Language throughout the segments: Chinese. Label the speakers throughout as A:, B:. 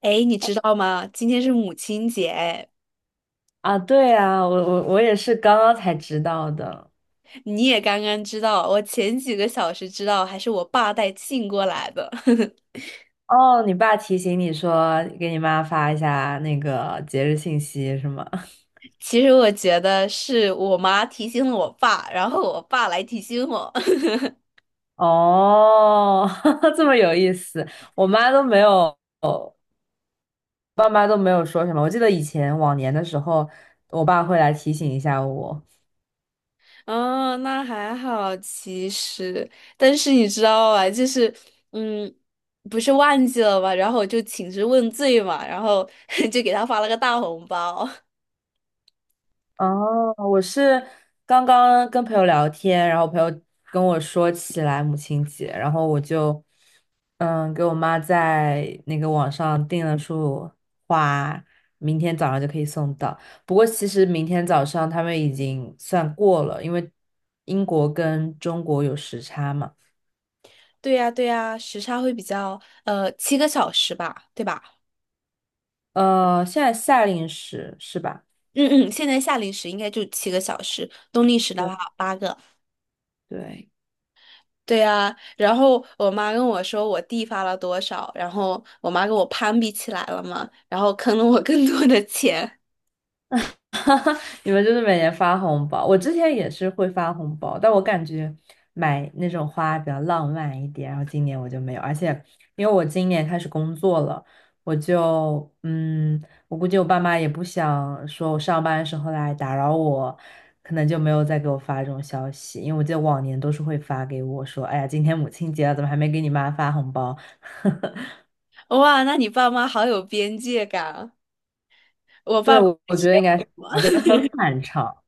A: 哎，诶你知道吗？今天是母亲节，哎，
B: 啊，对啊，我也是刚刚才知道的。
A: 你也刚刚知道，我前几个小时知道，还是我爸带信过来的。
B: 哦，你爸提醒你说给你妈发一下那个节日信息是吗？
A: 其实我觉得是我妈提醒了我爸，然后我爸来提醒我。
B: 哦，这么有意思，我妈都没有，爸妈都没有说什么。我记得以前往年的时候，我爸会来提醒一下我。
A: 哦，那还好，其实，但是你知道吧，就是，嗯，不是忘记了嘛，然后我就请示问罪嘛，然后 就给他发了个大红包。
B: 哦，我是刚刚跟朋友聊天，然后朋友跟我说起来母亲节，然后我就给我妈在那个网上订了束花，明天早上就可以送到。不过其实明天早上他们已经算过了，因为英国跟中国有时差嘛。
A: 对呀，对呀，时差会比较，七个小时吧，对吧？
B: 现在夏令时是吧？
A: 嗯嗯，现在夏令时应该就七个小时，冬令时的
B: 对
A: 话8个。
B: 对，
A: 对啊，然后我妈跟我说我弟发了多少，然后我妈跟我攀比起来了嘛，然后坑了我更多的钱。
B: 哈哈，你们就是每年发红包，我之前也是会发红包，但我感觉买那种花比较浪漫一点，然后今年我就没有，而且因为我今年开始工作了，我就我估计我爸妈也不想说我上班的时候来打扰我，可能就没有再给我发这种消息，因为我记得往年都是会发给我说，哎呀，今天母亲节了，怎么还没给你妈发红包？
A: 哇，那你爸妈好有边界感啊！我爸
B: 对，
A: 妈
B: 我
A: 直接
B: 觉得应该是
A: 问我，
B: 这样，就很反常。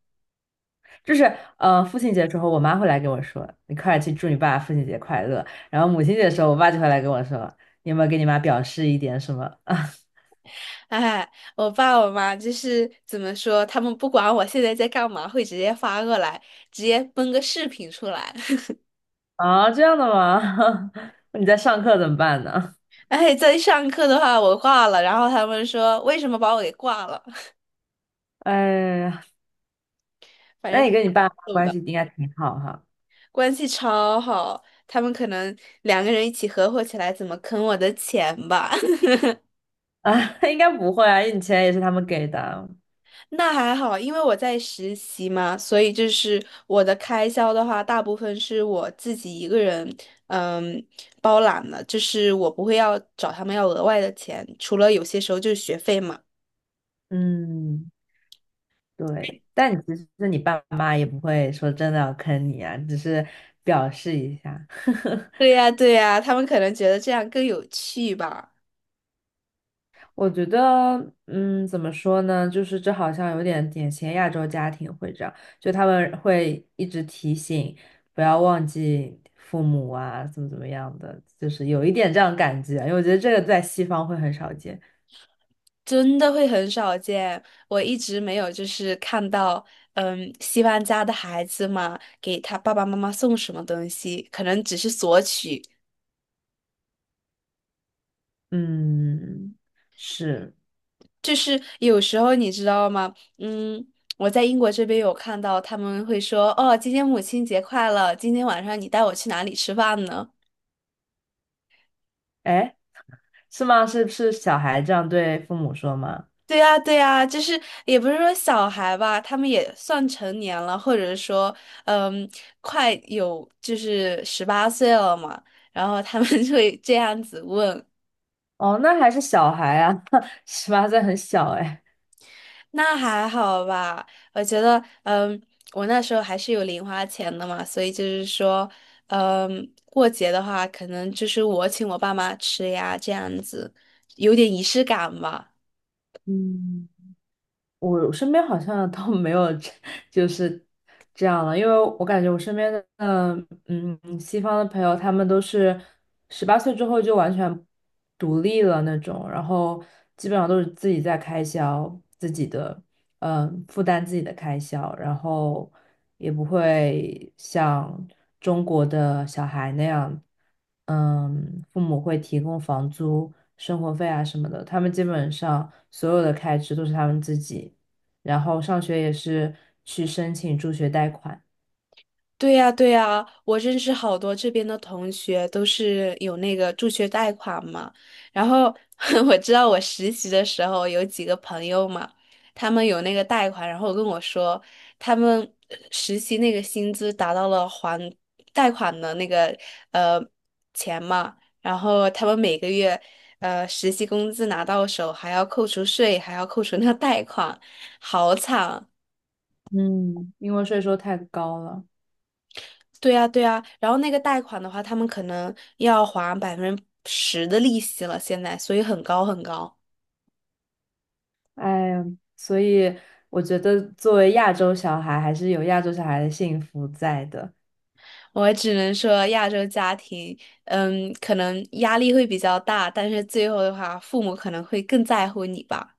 B: 就是父亲节之后，我妈会来跟我说："你快点去祝你爸父亲节快乐。"然后母亲节的时候，我爸就会来跟我说："你有没有给你妈表示一点什么？" 啊，
A: 哎，我爸我妈就是怎么说，他们不管我现在在干嘛，会直接发过来，直接崩个视频出来。
B: 啊，这样的吗？你在上课怎么办呢？
A: 哎，在上课的话我挂了，然后他们说为什么把我给挂了？
B: 哎呀，
A: 反
B: 那
A: 正
B: 你跟你
A: 他
B: 爸妈
A: 蛮逗
B: 关
A: 的，
B: 系应该挺好哈？
A: 关系超好。他们可能两个人一起合伙起来，怎么坑我的钱吧？
B: 啊，应该不会啊，因为你钱也是他们给的。
A: 那还好，因为我在实习嘛，所以就是我的开销的话，大部分是我自己一个人，嗯，包揽了，就是我不会要找他们要额外的钱，除了有些时候就是学费嘛。
B: 嗯，对。但你其实你爸妈也不会说真的要坑你啊，只是表示一下。
A: 对呀，对呀，他们可能觉得这样更有趣吧。
B: 我觉得，怎么说呢？就是这好像有点典型亚洲家庭会这样，就他们会一直提醒不要忘记父母啊，怎么怎么样的，就是有一点这样感觉，因为我觉得这个在西方会很少见。
A: 真的会很少见，我一直没有就是看到，西方家的孩子嘛，给他爸爸妈妈送什么东西，可能只是索取，
B: 嗯，是，
A: 就是有时候你知道吗？嗯，我在英国这边有看到他们会说，哦，今天母亲节快乐，今天晚上你带我去哪里吃饭呢？
B: 哎，是吗？是是小孩这样对父母说吗？
A: 对呀，对呀，就是也不是说小孩吧，他们也算成年了，或者是说，嗯，快有就是18岁了嘛，然后他们 就会这样子问，
B: 哦，那还是小孩啊，十八岁很小哎。
A: 那还好吧？我觉得，我那时候还是有零花钱的嘛，所以就是说，过节的话，可能就是我请我爸妈吃呀，这样子有点仪式感吧。
B: 嗯。我身边好像都没有这就是这样了，因为我感觉我身边的西方的朋友，他们都是十八岁之后就完全独立了那种，然后基本上都是自己在开销自己的，嗯，负担自己的开销，然后也不会像中国的小孩那样。嗯，父母会提供房租、生活费啊什么的，他们基本上所有的开支都是他们自己。然后上学也是去申请助学贷款，
A: 对呀，对呀，我认识好多这边的同学都是有那个助学贷款嘛。然后 我知道我实习的时候有几个朋友嘛，他们有那个贷款，然后跟我说他们实习那个薪资达到了还贷款的那个呃钱嘛，然后他们每个月实习工资拿到手还要扣除税，还要扣除那个贷款，好惨。
B: 嗯，因为税收太高了。
A: 对呀，对呀，然后那个贷款的话，他们可能要还10%的利息了，现在，所以很高很高。
B: 哎呀，所以我觉得作为亚洲小孩，还是有亚洲小孩的幸福在的。
A: 我只能说，亚洲家庭，可能压力会比较大，但是最后的话，父母可能会更在乎你吧。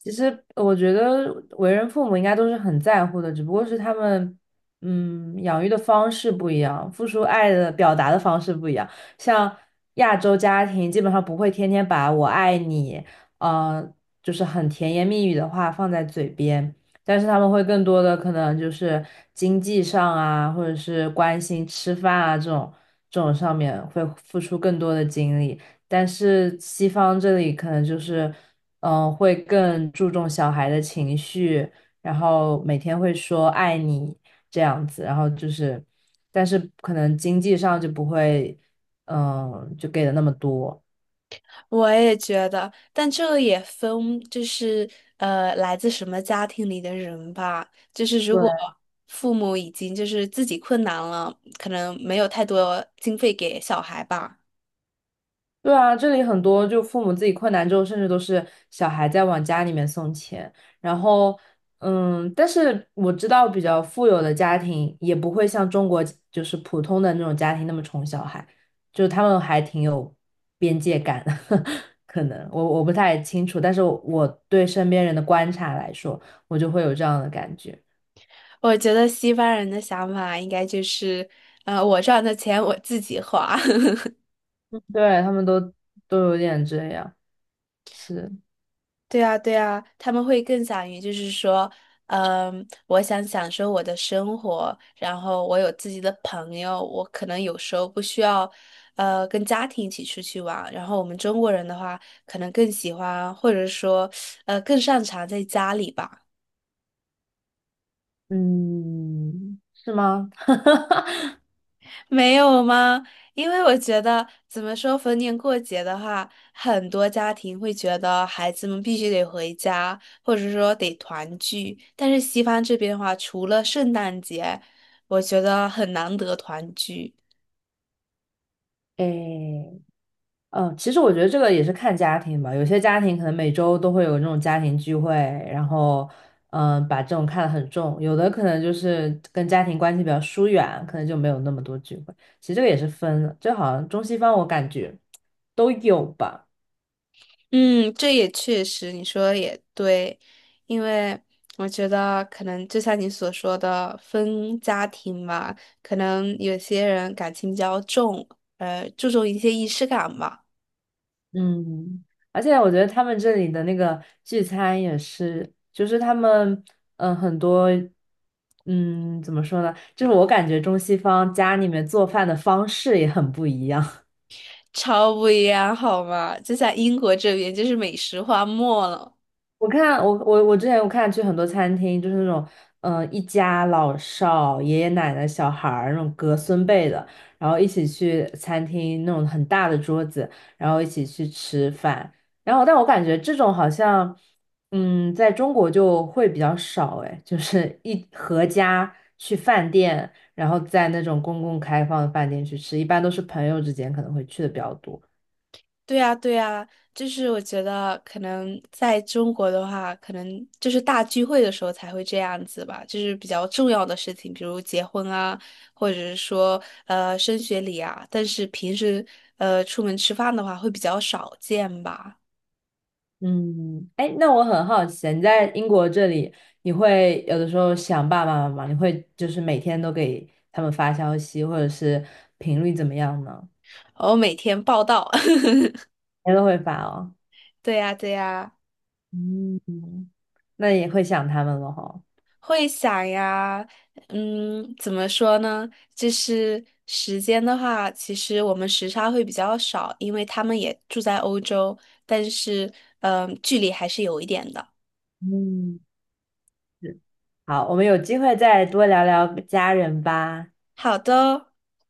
B: 其实我觉得为人父母应该都是很在乎的，只不过是他们，养育的方式不一样，付出爱的表达的方式不一样。像亚洲家庭，基本上不会天天把"我爱你"，呃，就是很甜言蜜语的话放在嘴边，但是他们会更多的可能就是经济上啊，或者是关心吃饭啊这种这种上面会付出更多的精力。但是西方这里可能就是，会更注重小孩的情绪，然后每天会说爱你这样子，然后就是，但是可能经济上就不会，就给的那么多。
A: 我也觉得，但这也分，就是来自什么家庭里的人吧。就是如果
B: 对。
A: 父母已经就是自己困难了，可能没有太多经费给小孩吧。
B: 对啊，这里很多就父母自己困难之后，甚至都是小孩在往家里面送钱。然后，嗯，但是我知道比较富有的家庭也不会像中国就是普通的那种家庭那么宠小孩，就他们还挺有边界感的。可能我不太清楚，但是我对身边人的观察来说，我就会有这样的感觉。
A: 我觉得西方人的想法应该就是，我赚的钱我自己花。
B: 对，他们都都有点这样，是，
A: 对啊，对啊，他们会更想于就是说，我想享受我的生活，然后我有自己的朋友，我可能有时候不需要，跟家庭一起出去玩。然后我们中国人的话，可能更喜欢或者说，更擅长在家里吧。
B: 嗯，是吗？
A: 没有吗？因为我觉得，怎么说，逢年过节的话，很多家庭会觉得孩子们必须得回家，或者说得团聚。但是西方这边的话，除了圣诞节，我觉得很难得团聚。
B: 诶。嗯，其实我觉得这个也是看家庭吧，有些家庭可能每周都会有那种家庭聚会，然后嗯，把这种看得很重，有的可能就是跟家庭关系比较疏远，可能就没有那么多聚会。其实这个也是分的，就好像中西方我感觉都有吧，
A: 嗯，这也确实，你说的也对，因为我觉得可能就像你所说的分家庭嘛，可能有些人感情比较重，注重一些仪式感吧。
B: 嗯，而且我觉得他们这里的那个聚餐也是，就是他们很多。怎么说呢？就是我感觉中西方家里面做饭的方式也很不一样。
A: 超不一样，好吗？就在英国这边，就是美食荒漠了。
B: 我看我之前我看去很多餐厅，就是那种一家老少、爷爷奶奶、小孩儿那种隔孙辈的，然后一起去餐厅那种很大的桌子，然后一起去吃饭。然后但我感觉这种好像嗯在中国就会比较少哎，就是一合家去饭店，然后在那种公共开放的饭店去吃，一般都是朋友之间可能会去的比较多。
A: 对啊，对啊，就是我觉得可能在中国的话，可能就是大聚会的时候才会这样子吧，就是比较重要的事情，比如结婚啊，或者是说升学礼啊。但是平时出门吃饭的话，会比较少见吧。
B: 嗯，哎，那我很好奇啊，你在英国这里，你会有的时候想爸爸妈妈，你会就是每天都给他们发消息，或者是频率怎么样呢？
A: 我每天报道。
B: 每天都会发哦。
A: 对呀，对呀。
B: 嗯，那也会想他们了哈。
A: 会想呀，怎么说呢？就是时间的话，其实我们时差会比较少，因为他们也住在欧洲，但是，距离还是有一点的。
B: 嗯，好，我们有机会再多聊聊家人吧。
A: 好的。